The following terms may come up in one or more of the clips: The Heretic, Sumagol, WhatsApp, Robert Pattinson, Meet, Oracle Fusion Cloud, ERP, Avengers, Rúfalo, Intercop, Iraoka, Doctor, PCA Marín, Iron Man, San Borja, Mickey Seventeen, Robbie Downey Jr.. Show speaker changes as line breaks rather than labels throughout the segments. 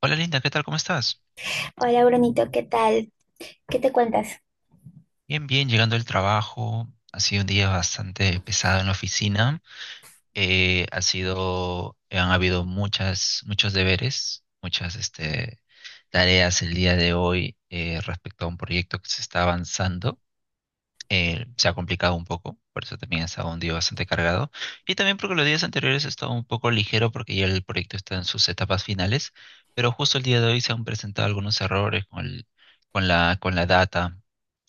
Hola Linda, ¿qué tal? ¿Cómo estás?
Hola, Brunito, ¿qué tal? ¿Qué te cuentas?
Bien, bien, llegando del trabajo. Ha sido un día bastante pesado en la oficina. Ha sido, han habido muchas, muchos deberes, muchas tareas el día de hoy respecto a un proyecto que se está avanzando. Se ha complicado un poco, por eso también ha estado un día bastante cargado. Y también porque los días anteriores ha estado un poco ligero porque ya el proyecto está en sus etapas finales, pero justo el día de hoy se han presentado algunos errores con la data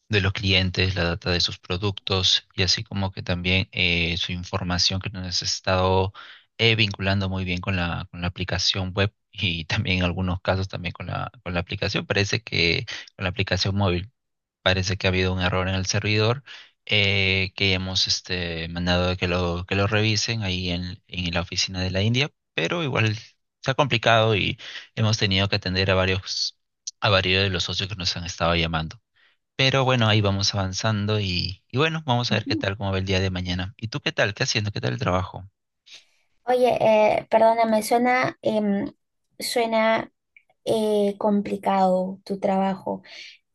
de los clientes, la data de sus productos y así como que también su información que nos ha estado vinculando muy bien con la aplicación web y también en algunos casos también con la aplicación. Parece que con la aplicación móvil parece que ha habido un error en el servidor que hemos mandado a que lo revisen ahí en la oficina de la India, pero igual se ha complicado y hemos tenido que atender a a varios de los socios que nos han estado llamando. Pero bueno, ahí vamos avanzando y bueno, vamos a ver
Ujú.
qué tal, cómo va el día de mañana. ¿Y tú qué tal? ¿Qué haciendo? ¿Qué tal el trabajo?
Oye, perdóname, suena complicado tu trabajo.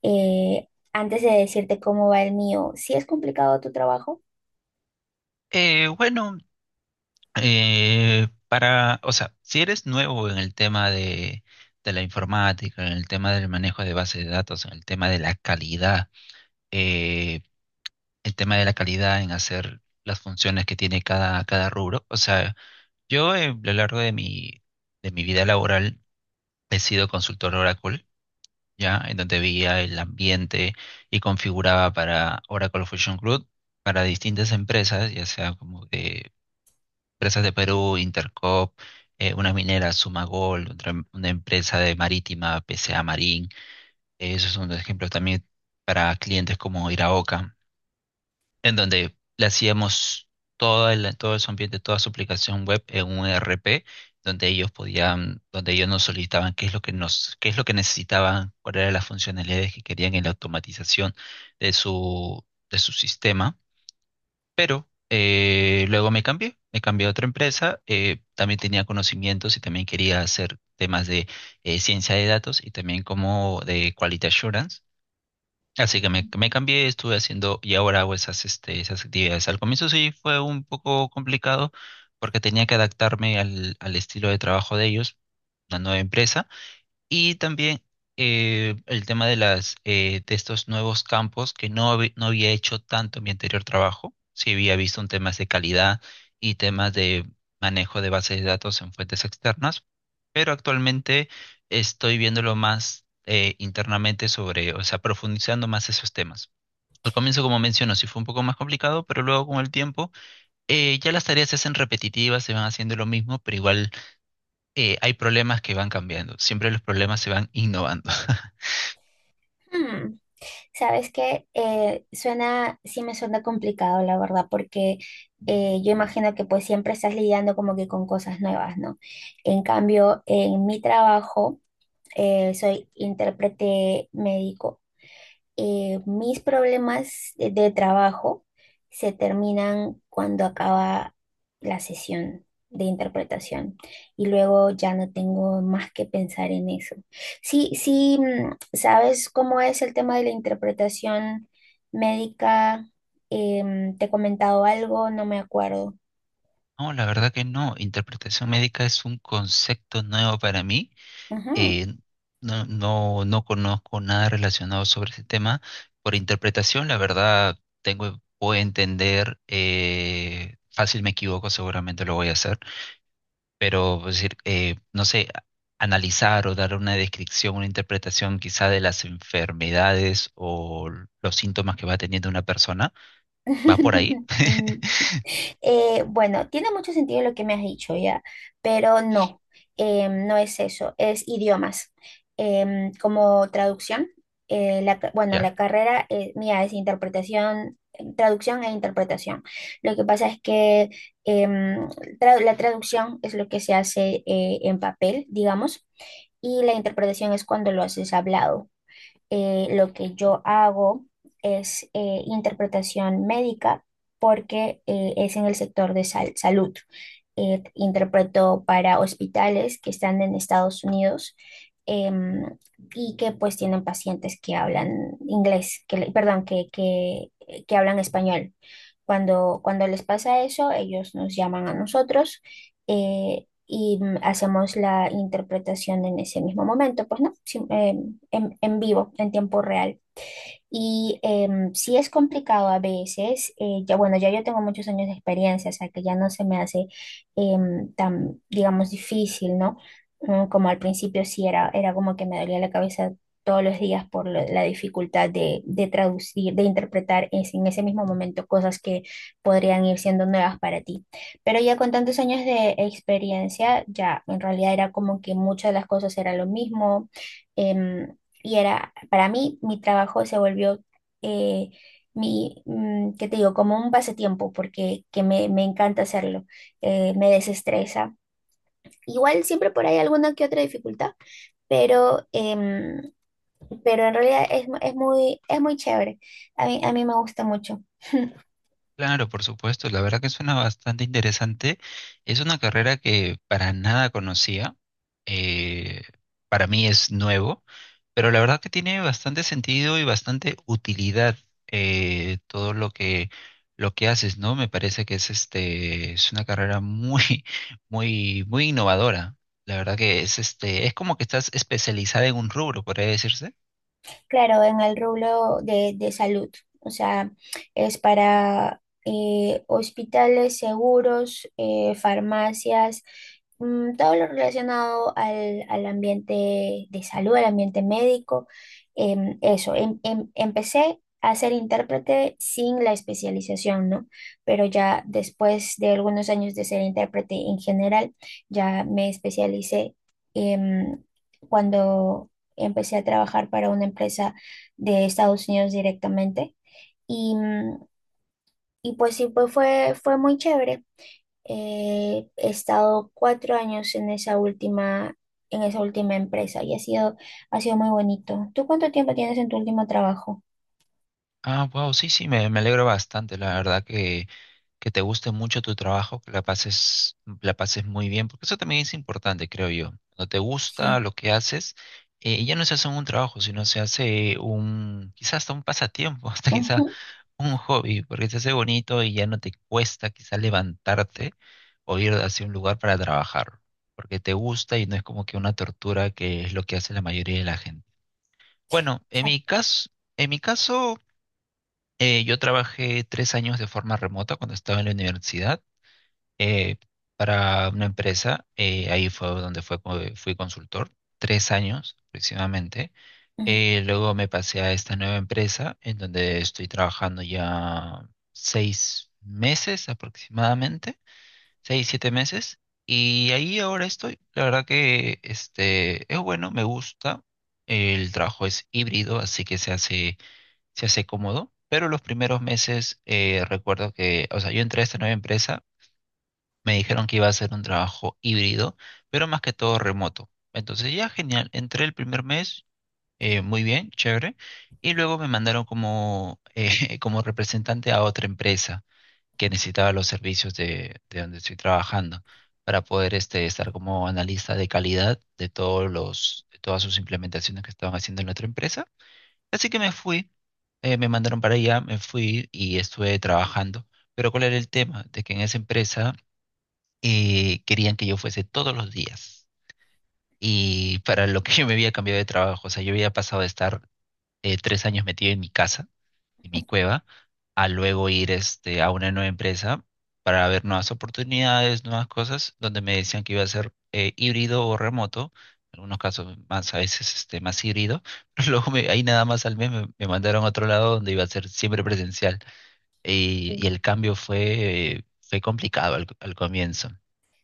Antes de decirte cómo va el mío, ¿sí es complicado tu trabajo?
Eh, bueno, para, o sea, si eres nuevo en el tema de la informática, en el tema del manejo de bases de datos, en el tema de la calidad, eh, el tema de la calidad en hacer las funciones que tiene cada rubro. O sea, yo a lo largo de de mi vida laboral he sido consultor Oracle, ¿ya? En donde veía el ambiente y configuraba para Oracle Fusion Cloud, para distintas empresas, ya sea como de empresas de Perú, Intercop, una minera Sumagol, otra, una empresa de marítima, PCA Marín. Esos son dos ejemplos también para clientes como Iraoka, en donde le hacíamos todo su ambiente, toda su aplicación web en un ERP, donde ellos podían, donde ellos nos solicitaban qué es lo que nos, qué es lo que necesitaban, cuáles eran las funcionalidades que querían en la automatización de de su sistema. Luego me cambié a otra empresa, también tenía conocimientos y también quería hacer temas de ciencia de datos y también como de quality assurance. Así que me
Ujú.
cambié, estuve haciendo y ahora hago esas actividades. Al comienzo sí fue un poco complicado porque tenía que adaptarme al estilo de trabajo de ellos, una nueva empresa, y también el tema de las de estos nuevos campos que no, habí- no había hecho tanto en mi anterior trabajo. Sí había visto en temas de calidad y temas de manejo de bases de datos en fuentes externas, pero actualmente estoy viéndolo más internamente sobre, o sea, profundizando más esos temas. Al comienzo, como menciono, sí fue un poco más complicado, pero luego con el tiempo ya las tareas se hacen repetitivas, se van haciendo lo mismo, pero igual hay problemas que van cambiando. Siempre los problemas se van innovando.
Hmm, ¿sabes qué? Suena, sí me suena complicado, la verdad, porque yo imagino que pues siempre estás lidiando como que con cosas nuevas, ¿no? En cambio, en mi trabajo, soy intérprete médico. Mis problemas de trabajo se terminan cuando acaba la sesión de interpretación, y luego ya no tengo más que pensar en eso. Sí, sí, mm, ¿sabes cómo es el tema de la interpretación médica? Te he comentado algo, no me acuerdo.
No, la verdad que no. Interpretación médica es un concepto nuevo para mí.
Ujú.
Eh, no conozco nada relacionado sobre ese tema. Por interpretación, la verdad, tengo, puedo entender, fácil me equivoco, seguramente lo voy a hacer, pero pues, decir, no sé, analizar o dar una descripción, una interpretación quizá de las enfermedades o los síntomas que va teniendo una persona, ¿va por ahí?
Mm, bueno, tiene mucho sentido lo que me has dicho ya, pero no, no es eso, es idiomas. Como traducción, bueno,
¿Ya?
la carrera mía es interpretación, traducción e interpretación. Lo que pasa es que em, la traducción es lo que se hace en papel, digamos, y la interpretación es cuando lo haces hablado. Lo que yo hago es interpretación médica porque es en el sector de salud. Interpreto para hospitales que están en Estados Unidos, em, y que pues tienen pacientes que hablan inglés, perdón, que hablan español. Cuando les pasa eso, ellos nos llaman a nosotros y mm, hacemos la interpretación en ese mismo momento, pues no. Sí, en vivo, en tiempo real. Y sí es complicado a veces. Ya bueno, ya yo tengo muchos años de experiencia, o sea que ya no se me hace tan, digamos, difícil, ¿no? Mm, como al principio sí era, era como que me dolía la cabeza todos los días por la dificultad de traducir, de interpretar en ese mismo momento cosas que podrían ir siendo nuevas para ti. Pero ya con tantos años de experiencia, ya en realidad era como que muchas de las cosas era lo mismo. em, y era, para mí, mi trabajo se volvió, eh, ¿qué te digo? Como un pasatiempo, porque me encanta hacerlo. Me desestresa. Igual siempre por ahí alguna que otra dificultad, pero, pero en realidad es, es muy chévere. A mí me gusta mucho.
Claro, por supuesto, la verdad que suena bastante interesante. Es una carrera que para nada conocía, eh, para mí es nuevo, pero la verdad que tiene bastante sentido y bastante utilidad todo lo que haces, ¿no? Me parece que es una carrera muy muy innovadora. La verdad que es como que estás especializada en un rubro, podría decirse.
Claro, en el rubro de salud, o sea, es para hospitales, seguros, farmacias, mm, todo lo relacionado al, al ambiente de salud, al ambiente médico. Eso, empecé a ser intérprete sin la especialización, ¿no? Pero ya después de algunos años de ser intérprete en general, ya me especialicé. em, Cuando empecé a trabajar para una empresa de Estados Unidos directamente y, mm, y pues sí, pues fue, fue muy chévere. He estado cuatro años en esa última empresa y ha sido muy bonito. ¿Tú cuánto tiempo tienes en tu último trabajo?
Ah, wow, sí, sí, me alegro bastante, la verdad que te guste mucho tu trabajo, que la pases muy bien, porque eso también es importante, creo yo. Cuando te gusta
Sí.
lo que haces, ya no se hace un trabajo, sino se hace un, quizás hasta un pasatiempo, hasta quizás
Ujú,
un hobby, porque se hace bonito y ya no te cuesta quizás levantarte o ir hacia un lugar para trabajar, porque te gusta y no es como que una tortura que es lo que hace la mayoría de la gente. Bueno, en mi
exacto.
caso, en mi caso. Yo trabajé 3 años de forma remota cuando estaba en la universidad, eh, para una empresa. Ahí fue fui consultor, 3 años aproximadamente.
Ujú.
Luego me pasé a esta nueva empresa en donde estoy trabajando ya 6 meses aproximadamente, 6, 7 meses. Y ahí ahora estoy. La verdad que es bueno, me gusta. El trabajo es híbrido, así que se hace cómodo, pero los primeros meses recuerdo que, o sea, yo entré a esta nueva empresa, me dijeron que iba a ser un trabajo híbrido, pero más que todo remoto. Entonces ya genial, entré el primer mes, muy bien, chévere, y luego me mandaron como representante a otra empresa que necesitaba los servicios de donde estoy trabajando para poder estar como analista de calidad de de todas sus implementaciones que estaban haciendo en la otra empresa. Así que me fui, me mandaron para allá, me fui y estuve trabajando. Pero ¿cuál era el tema? De que en esa empresa querían que yo fuese todos los días. Y para lo que yo me había cambiado de trabajo, o sea, yo había pasado de estar 3 años metido en mi casa, en mi cueva, a luego ir a una nueva empresa para ver nuevas oportunidades, nuevas cosas, donde me decían que iba a ser híbrido o remoto, en algunos casos más, a veces más híbrido, pero ahí nada más al mes me mandaron a otro lado donde iba a ser siempre presencial. Y el cambio fue, fue complicado al comienzo,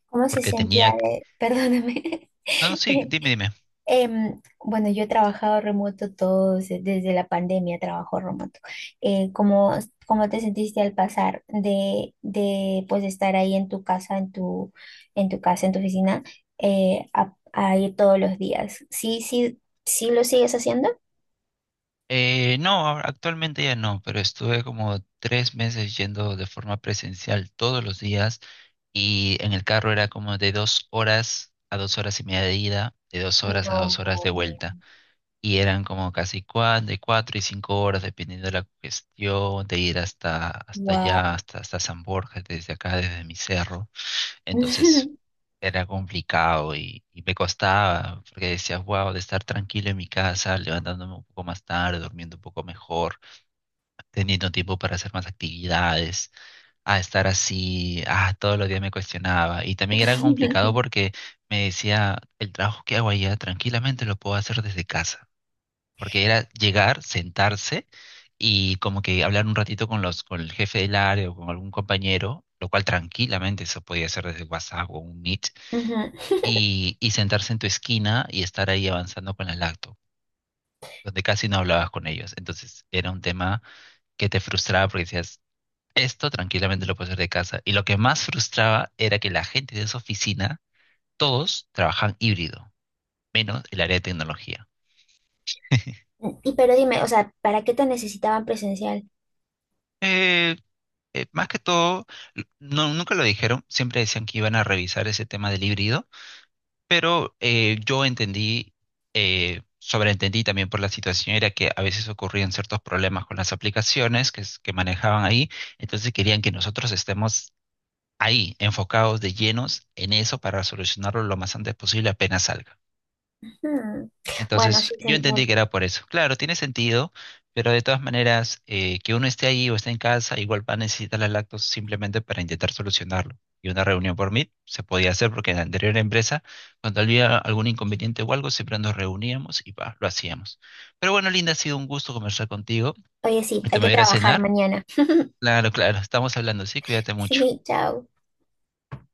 ¿Cómo se
porque
sentía
tenía...
de, perdóname,
No, no, sí, dime, dime.
Bueno, yo he trabajado remoto todo, desde la pandemia trabajo remoto. ¿Cómo, cómo te sentiste al pasar de pues estar ahí en tu casa, en tu casa, en tu oficina, a ir todos los días? ¿Sí, sí, sí lo sigues haciendo?
Actualmente ya no, pero estuve como 3 meses yendo de forma presencial todos los días, y en el carro era como de 2 horas a 2 horas y media de ida, de dos horas a dos
No,
horas de
no.
vuelta, y eran como casi cuatro, de 4 y 5 horas, dependiendo de la cuestión de ir hasta allá,
Wow.
hasta San Borja, desde acá, desde mi cerro. Entonces era complicado y me costaba, porque decía, wow, de estar tranquilo en mi casa, levantándome un poco más tarde, durmiendo un poco mejor, teniendo tiempo para hacer más actividades, a estar así, ah, todos los días me cuestionaba. Y también era complicado
Ujú.
porque me decía, el trabajo que hago allá tranquilamente lo puedo hacer desde casa, porque era llegar, sentarse y como que hablar un ratito con con el jefe del área o con algún compañero, lo cual tranquilamente se podía hacer desde WhatsApp o un Meet, y sentarse en tu esquina y estar ahí avanzando con la lacto, donde casi no hablabas con ellos. Entonces era un tema que te frustraba porque decías, esto tranquilamente lo puedo hacer de casa. Y lo que más frustraba era que la gente de esa oficina, todos trabajan híbrido, menos el área de tecnología.
Y pero dime, o sea, ¿para qué te necesitaban presencial?
Eh, más que todo, no, nunca lo dijeron, siempre decían que iban a revisar ese tema del híbrido. Pero yo entendí, sobreentendí también por la situación, era que a veces ocurrían ciertos problemas con las aplicaciones que manejaban ahí, entonces querían que nosotros estemos ahí, enfocados de llenos en eso para solucionarlo lo más antes posible apenas salga.
Hmm. Bueno, sí
Entonces,
se
yo
entiende.
entendí que era por eso. Claro, tiene sentido, pero de todas maneras, que uno esté ahí o esté en casa, igual va a necesitar las lactos simplemente para intentar solucionarlo. Y una reunión por Meet se podía hacer porque en la anterior empresa, cuando había algún inconveniente o algo, siempre nos reuníamos y pa, lo hacíamos. Pero bueno, Linda, ha sido un gusto conversar contigo.
Oye, sí,
Te
hay
me voy
que
a ir a
trabajar
cenar.
mañana.
Claro, claro, estamos hablando, sí, cuídate mucho.
Sí, chao.